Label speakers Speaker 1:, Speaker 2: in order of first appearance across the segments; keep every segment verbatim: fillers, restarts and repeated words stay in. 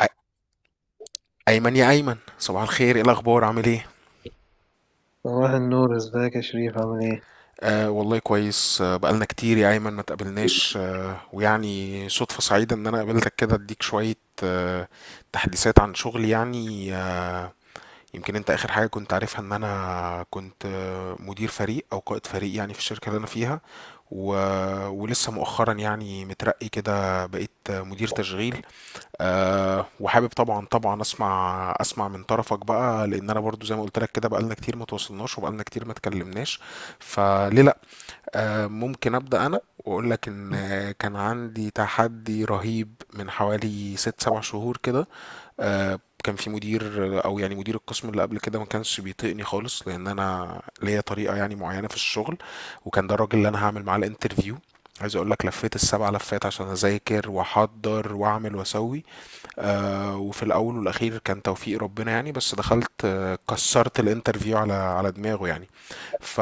Speaker 1: أي- أيمن، يا أيمن، صباح الخير. إيه الأخبار؟ عامل إيه؟
Speaker 2: صباح النور، ازيك يا شريف؟ عامل ايه؟
Speaker 1: آه والله كويس. آه بقالنا كتير يا أيمن ما تقابلناش، آه ويعني صدفة سعيدة إن أنا قابلتك كده، أديك شوية آه تحديثات عن شغلي يعني. آه يمكن انت اخر حاجة كنت عارفها ان انا كنت، آه، مدير فريق او قائد فريق يعني، في الشركة اللي انا فيها. و... ولسه مؤخرا يعني مترقي كده، بقيت، آه، مدير تشغيل. أه وحابب، طبعا طبعا، اسمع اسمع من طرفك بقى، لان انا برضو زي ما قلت لك كده بقالنا كتير ما تواصلناش، وبقالنا كتير ما اتكلمناش. فليه لا؟ آه، ممكن أبدأ أنا وأقول لك إن، آه، كان عندي تحدي رهيب من حوالي ست سبع شهور كده. آه، كان في مدير، آه، أو يعني مدير القسم اللي قبل كده، ما كانش بيطيقني خالص، لأن أنا ليا طريقة يعني معينة في الشغل. وكان ده الراجل اللي أنا هعمل معاه الانترفيو. عايز اقول لك لفيت السبع لفات عشان اذاكر واحضر واعمل واسوي. آه وفي الاول والاخير كان توفيق ربنا يعني، بس دخلت آه كسرت الانترفيو على على دماغه يعني. ف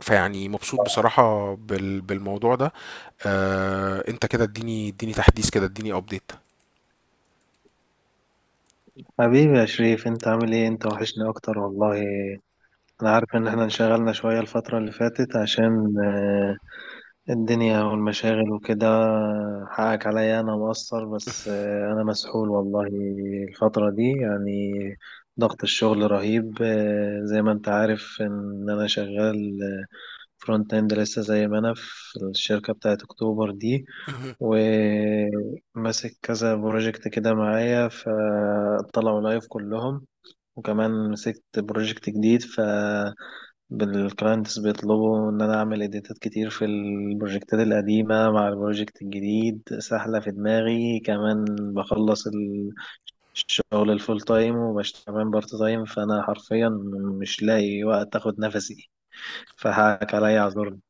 Speaker 1: فيعني مبسوط بصراحة بال... بالموضوع ده. آه، انت كده، اديني اديني تحديث كده، اديني ابديت.
Speaker 2: حبيبي يا شريف، انت عامل ايه؟ انت وحشني اكتر والله. انا عارف ان احنا انشغلنا شوية الفترة اللي فاتت عشان آه، الدنيا والمشاغل وكده. حقك عليا، انا مقصر، بس آه، انا مسحول والله الفترة دي، يعني ضغط الشغل رهيب. آه، زي ما انت عارف ان انا شغال فرونت اند لسه، زي ما انا في الشركة بتاعت اكتوبر دي،
Speaker 1: مهم.
Speaker 2: وماسك كذا بروجكت كده معايا فطلعوا لايف كلهم، وكمان مسكت بروجكت جديد، ف بالكلاينتس بيطلبوا ان انا اعمل اديتات كتير في البروجكتات القديمه مع البروجكت الجديد، سحله في دماغي كمان. بخلص ال- الشغل الفول تايم وبشتغل كمان بارت تايم، فانا حرفيا مش لاقي وقت اخد نفسي، فحقك عليا اعذرني.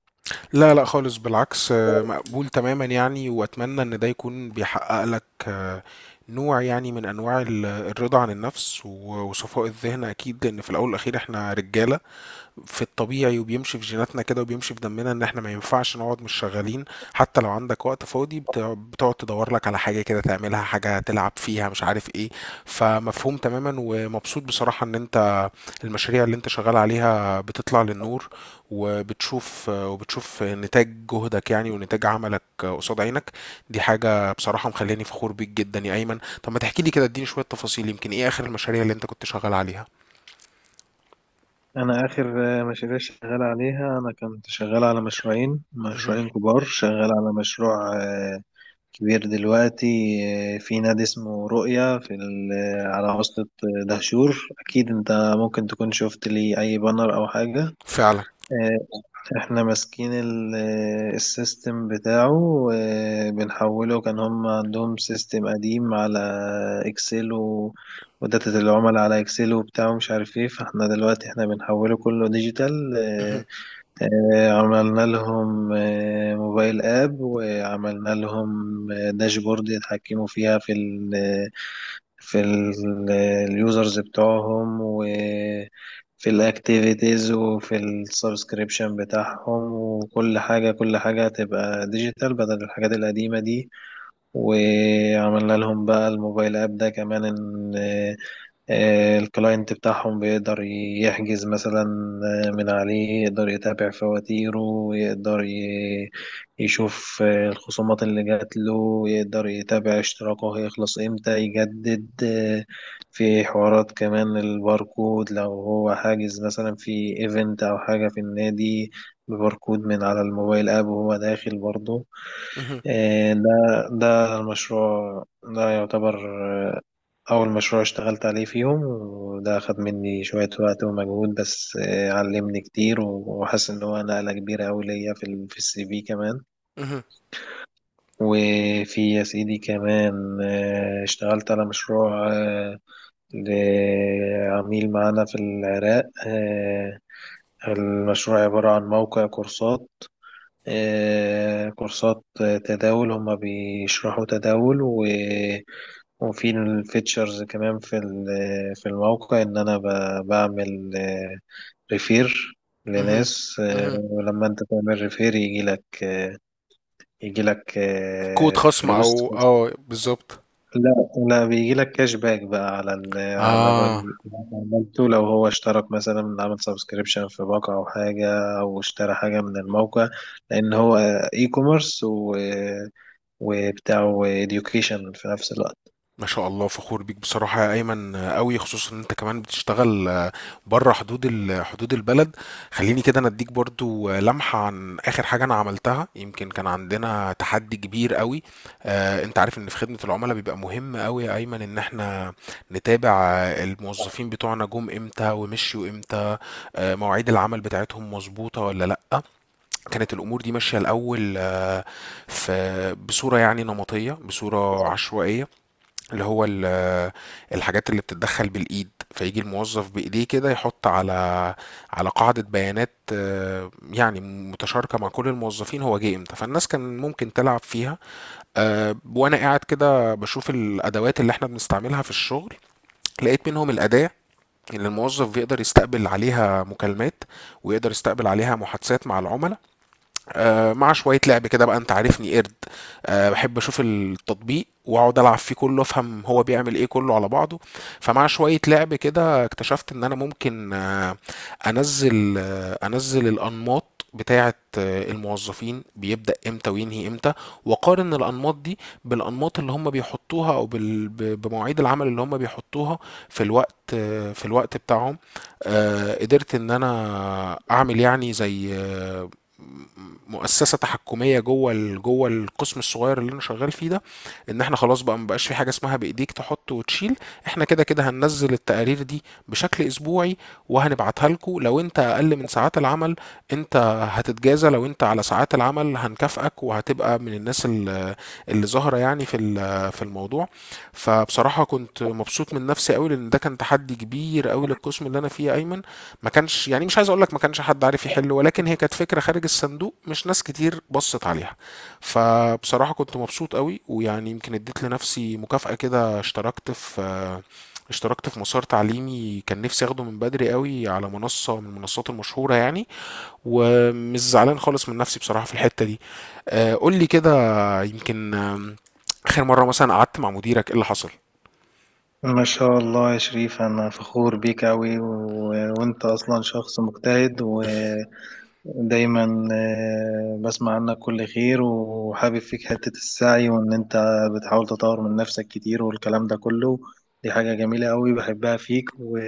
Speaker 1: لا لا خالص، بالعكس، آه، مقبول تماما يعني، واتمنى ان ده يكون بيحقق لك آه، نوع يعني من انواع ال- الرضا عن النفس، و- وصفاء الذهن اكيد. لان في الاول والاخير احنا رجالة في الطبيعي، وبيمشي في جيناتنا كده وبيمشي في دمنا ان احنا ما ينفعش نقعد مش شغالين. حتى لو عندك وقت فاضي، بت- بتقعد تدور لك على حاجة كده تعملها، حاجة تلعب فيها مش عارف ايه. فمفهوم تماما، ومبسوط بصراحة ان انت المشاريع اللي انت شغال عليها بتطلع للنور، وبتشوف وبتشوف نتاج جهدك يعني، ونتاج عملك قصاد عينك. دي حاجة بصراحة مخليني فخور بيك جدا يا ايمن. طب ما تحكي لي كده، اديني شوية تفاصيل، يمكن ايه اخر المشاريع اللي انت كنت شغال عليها.
Speaker 2: انا اخر آه، مشاريع شغال عليها، انا كنت شغال على مشروعين
Speaker 1: مهم.
Speaker 2: مشروعين كبار، شغال على مشروع آه، كبير دلوقتي. آه، في نادي اسمه رؤية في ال- آه، على وسط آه، دهشور. اكيد انت ممكن تكون شفت لي اي بانر او حاجة.
Speaker 1: فعلا.
Speaker 2: آه، احنا ماسكين ال- آه، السيستم بتاعه وبنحوله. كان هم عندهم سيستم قديم على اكسل و... وداتا العملاء على اكسل وبتاع ومش عارف ايه، فاحنا دلوقتي احنا بنحوله كله ديجيتال.
Speaker 1: مهم.
Speaker 2: آه، عملنا لهم آه، موبايل اب، وعملنا لهم آه، داشبورد يتحكموا فيها في ال في ال- اليوزرز بتوعهم، وفي الاكتيفيتيز، وفي السبسكريبشن بتاعهم، وكل حاجة، كل حاجة هتبقى ديجيتال بدل الحاجات القديمة دي. وعملنا لهم بقى الموبايل اب ده كمان ان آه، آه، الكلاينت بتاعهم بيقدر يحجز مثلا آه، من عليه، يقدر يتابع فواتيره، يقدر ي- يشوف آه، الخصومات اللي جات له، يقدر يتابع اشتراكه هيخلص امتى يجدد. آه، في حوارات كمان، الباركود لو هو حاجز مثلا في ايفنت او حاجة في النادي بباركود من على الموبايل اب وهو داخل برضه.
Speaker 1: مهم.
Speaker 2: إيه، ده ده المشروع ده يعتبر آه، أول مشروع اشتغلت عليه فيهم، وده أخد مني شوية وقت ومجهود، بس آه، علمني كتير، وحاسس إن هو نقلة كبيرة أوي ليا في ال- في السي في كمان.
Speaker 1: مهم.
Speaker 2: وفي يا سيدي كمان آه، اشتغلت على مشروع آه، لعميل معانا في العراق. آه، المشروع عبارة عن موقع كورسات، آه، كورسات آه، تداول، هما بيشرحوا تداول و... وفي الفيتشرز كمان في ال- في الموقع ان انا ب... بعمل ريفير
Speaker 1: مهم.
Speaker 2: لناس. آه،
Speaker 1: مهم.
Speaker 2: ولما انت تعمل ريفير يجي لك، يجي لك
Speaker 1: كود خصم
Speaker 2: فلوس.
Speaker 1: او اه، بالظبط.
Speaker 2: لا لا، بيجي لك كاش باك بقى على ال على ال-
Speaker 1: اه
Speaker 2: اللي عملته، لو هو اشترك مثلا، عمل سبسكريبشن في باقة او حاجة، او اشترى حاجة من الموقع، لان هو اي كوميرس و وبتاع education في نفس الوقت.
Speaker 1: ما شاء الله، فخور بيك بصراحة يا أيمن قوي، خصوصا إن أنت كمان بتشتغل بره حدود ال- حدود البلد. خليني كده أنا أديك برضو آه، لمحة عن آخر حاجة أنا عملتها. يمكن كان عندنا تحدي كبير قوي. آه أنت عارف إن في خدمة العملاء بيبقى مهم قوي يا أيمن إن إحنا نتابع الموظفين بتوعنا جم إمتى ومشيوا إمتى، آه مواعيد العمل بتاعتهم مظبوطة ولا لأ. كانت الأمور دي ماشية الأول، آه، في بصورة يعني نمطية، بصورة عشوائية. اللي هو ال- آه، الحاجات اللي بتتدخل بالإيد، فيجي الموظف بإيديه كده يحط على على قاعدة بيانات آه، يعني متشاركة مع كل الموظفين، هو جه امتى، فالناس كان ممكن تلعب فيها. آه، وأنا قاعد كده بشوف الأدوات اللي احنا بنستعملها في الشغل، لقيت منهم الأداة اللي الموظف بيقدر يستقبل عليها مكالمات، ويقدر يستقبل عليها محادثات مع العملاء. آه، مع شوية لعب كده بقى، انت عارفني قرد، آه، بحب اشوف التطبيق واقعد العب فيه كله، افهم هو بيعمل ايه كله على بعضه. فمع شوية لعب كده اكتشفت ان انا ممكن آه، انزل آه، انزل الانماط بتاعة آه، الموظفين، بيبدأ امتى وينهي امتى، واقارن الانماط دي بالانماط اللي هم بيحطوها، او بال- ب- بمواعيد العمل اللي هم بيحطوها في الوقت، آه، في الوقت بتاعهم. آه، قدرت ان انا اعمل يعني زي آه، مؤسسه تحكميه جوه ال- جوه القسم الصغير اللي انا شغال فيه ده. ان احنا خلاص بقى، مبقاش في حاجه اسمها بايديك تحط وتشيل، احنا كده كده هننزل التقارير دي بشكل اسبوعي وهنبعتها لكم. لو انت اقل من ساعات العمل، انت هتتجازى. لو انت على ساعات العمل، هنكافئك وهتبقى من الناس اللي اللي ظاهره يعني في ال- في الموضوع. فبصراحه كنت مبسوط من نفسي قوي، لان ده كان تحدي كبير قوي للقسم اللي انا فيه يا ايمن. ما كانش يعني، مش عايز اقول لك ما كانش حد عارف يحله، ولكن هي كانت فكره خارج الصندوق، مش ناس كتير بصت عليها. فبصراحه كنت مبسوط قوي، ويعني يمكن اديت لنفسي مكافاه كده، اشتركت في آه، اشتركت في مسار تعليمي كان نفسي اخده من بدري قوي، على منصه من المنصات المشهوره يعني، ومش زعلان خالص من نفسي بصراحه في الحته دي. آه، قول لي كده، يمكن، آم، اخر مره مثلا قعدت مع مديرك، ايه اللي حصل؟
Speaker 2: ما شاء الله يا شريف، أنا فخور بيك أوي و... وأنت أصلا شخص مجتهد و... دايما آه، بسمع عنك كل خير، وحابب فيك حتة السعي وإن أنت بتحاول تطور من نفسك كتير والكلام ده كله. دي حاجة جميلة أوي بحبها فيك و-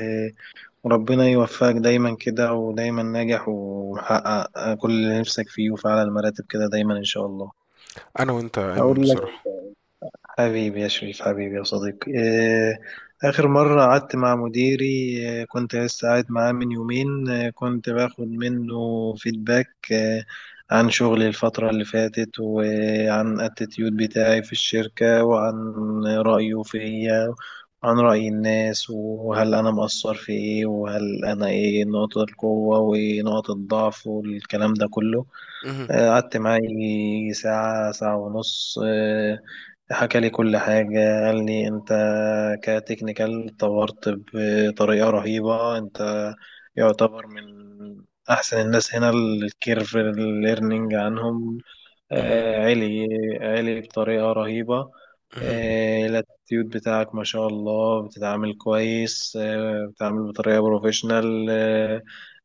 Speaker 2: وربنا يوفقك دايما كده، ودايما ناجح ومحقق كل اللي نفسك فيه، وفي أعلى المراتب كده دايما إن شاء الله.
Speaker 1: انا وانت يا ايمن
Speaker 2: هقول لك.
Speaker 1: بصراحه.
Speaker 2: حبيبي يا شريف، حبيبي يا صديقي، آه، آخر مرة قعدت مع مديري آه، كنت لسه قاعد معاه من يومين، آه، كنت باخد منه فيدباك آه، عن شغلي الفترة اللي فاتت، وعن الاتيتيود بتاعي في الشركة، وعن رأيه فيا، وعن رأي الناس، وهل أنا مقصر في إيه، وهل أنا إيه نقطة القوة ونقطة الضعف، والكلام ده كله.
Speaker 1: مهم.
Speaker 2: آه، قعدت معاه يجي ساعة، ساعة ونص. آه، حكى لي كل حاجة. قال لي أنت كتكنيكال اتطورت بطريقة رهيبة، أنت يعتبر من أحسن الناس هنا، الكيرف الليرنينج عنهم
Speaker 1: مهم.
Speaker 2: آه، عالي، عالي بطريقة رهيبة.
Speaker 1: مهم.
Speaker 2: آه، الاتيود بتاعك ما شاء الله، بتتعامل كويس، آه، بتتعامل بطريقة بروفيشنال،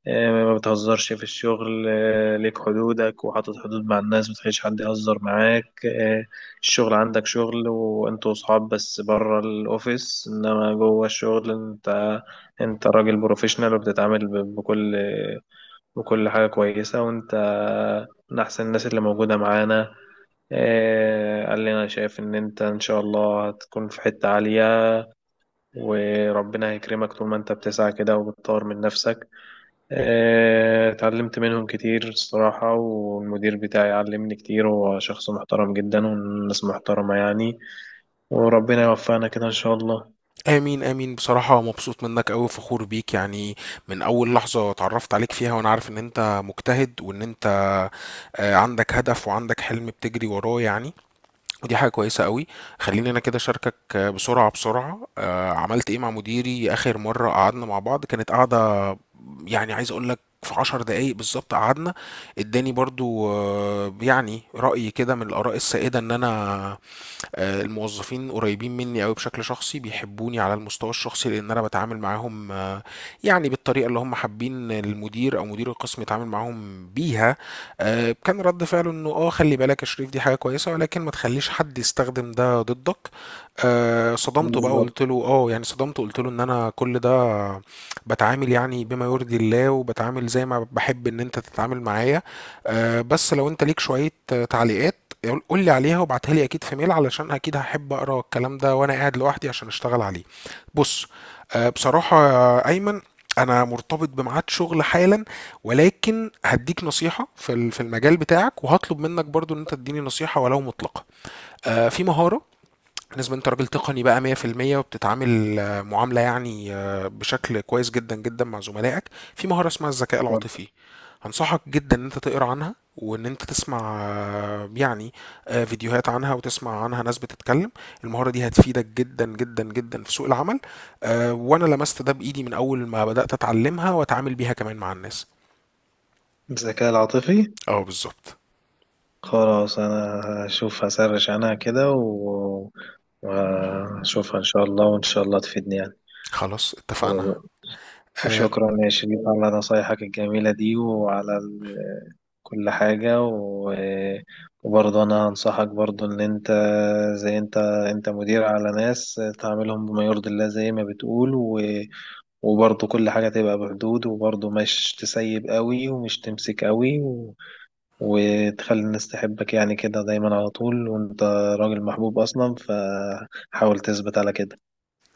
Speaker 2: آه، ما بتهزرش في الشغل، آه، ليك حدودك وحاطط حدود مع الناس، ما تخليش حد يهزر معاك. آه، الشغل عندك شغل، وانتوا صحاب بس بره الاوفيس، انما جوه الشغل انت، انت راجل بروفيشنال، وبتتعامل ب- بكل، بكل حاجة كويسة، وانت من احسن الناس اللي موجودة معانا. آه، قال لي انا شايف ان انت ان شاء الله هتكون في حتة عالية، وربنا هيكرمك طول ما انت بتسعى كده وبتطور من نفسك. آه، اتعلمت منهم كتير الصراحة، والمدير بتاعي علمني كتير، هو شخص محترم جدا، والناس محترمة يعني. وربنا يوفقنا كده إن شاء الله.
Speaker 1: امين امين. بصراحة مبسوط منك اوي، فخور بيك يعني. من اول لحظة اتعرفت عليك فيها وانا عارف ان انت مجتهد، وان انت آه، عندك هدف وعندك حلم بتجري وراه يعني. ودي حاجة كويسة قوي. خليني انا كده اشاركك آه، بسرعة بسرعة آه، عملت ايه مع مديري اخر مرة قعدنا مع بعض. كانت قعدة يعني، عايز اقول لك في عشر دقايق بالظبط قعدنا. اداني برضو آه، يعني رأي كده من الآراء السائدة ان انا آه، الموظفين قريبين مني قوي بشكل شخصي، بيحبوني على المستوى الشخصي، لان انا بتعامل معاهم آه، يعني بالطريقه اللي هم حابين المدير او مدير القسم يتعامل معاهم بيها. آه، كان رد فعله انه اه خلي بالك يا شريف، دي حاجه كويسه ولكن ما تخليش حد يستخدم ده ضدك. آه، صدمته بقى،
Speaker 2: بالظبط.
Speaker 1: وقلت له اه، يعني صدمته، قلت له ان انا كل ده بتعامل يعني بما يرضي الله، وبتعامل زي ما بحب ان انت تتعامل معايا. آه، بس لو انت ليك شوية آه، تعليقات، قول قول لي عليها وابعتها لي اكيد في ميل، علشان اكيد هحب اقرا الكلام ده وانا قاعد لوحدي عشان اشتغل عليه. بص. آه، بصراحة يا ايمن، انا مرتبط بميعاد شغل حالا، ولكن هديك نصيحة في ال- في المجال بتاعك، وهطلب منك برضو ان انت تديني نصيحة ولو مطلقة. آه، في مهارة. بالنسبة انت راجل تقني بقى مية في المية وبتتعامل آه، معاملة يعني آه، بشكل كويس جدا جدا مع زملائك. في مهارة اسمها الذكاء العاطفي. هنصحك جدا ان انت تقرا عنها، وان انت تسمع آه، يعني آه، فيديوهات عنها، وتسمع عنها ناس بتتكلم. المهارة دي هتفيدك جدا جدا جدا في سوق العمل. آه، وانا لمست ده بايدي من اول ما بدأت اتعلمها واتعامل بيها كمان مع الناس.
Speaker 2: الذكاء العاطفي.
Speaker 1: اه بالظبط.
Speaker 2: خلاص أنا هشوف، هسرش عنها كده و- وهشوفها إن شاء الله، وإن شاء الله تفيدني يعني.
Speaker 1: خلاص اتفقنا.
Speaker 2: و-
Speaker 1: آه،
Speaker 2: وشكرا يا شريف على نصايحك الجميلة دي وعلى كل حاجة و... وبرضه أنا هنصحك برضه إن أنت زي أنت أنت مدير على ناس، تعاملهم بما يرضي الله زي ما بتقول، و... وبرضه كل حاجة تبقى بحدود، وبرضه مش تسيب قوي ومش تمسك قوي، و... وتخلي الناس تحبك يعني كده دايما على طول، وأنت راجل محبوب أصلا فحاول تثبت على كده.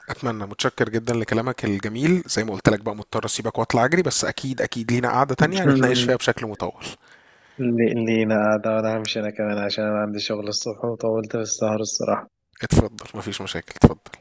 Speaker 1: اتمنى. متشكر جدا لكلامك الجميل. زي ما قلت لك بقى، مضطر اسيبك واطلع اجري، بس اكيد اكيد لينا قعدة تانية هنتناقش فيها بشكل مطول.
Speaker 2: لي- لينا قاعدة، وأنا همشي أنا كمان عشان أنا عندي شغل الصبح، وطولت في السهر الصراحة.
Speaker 1: اتفضل، مفيش مشاكل اتفضل.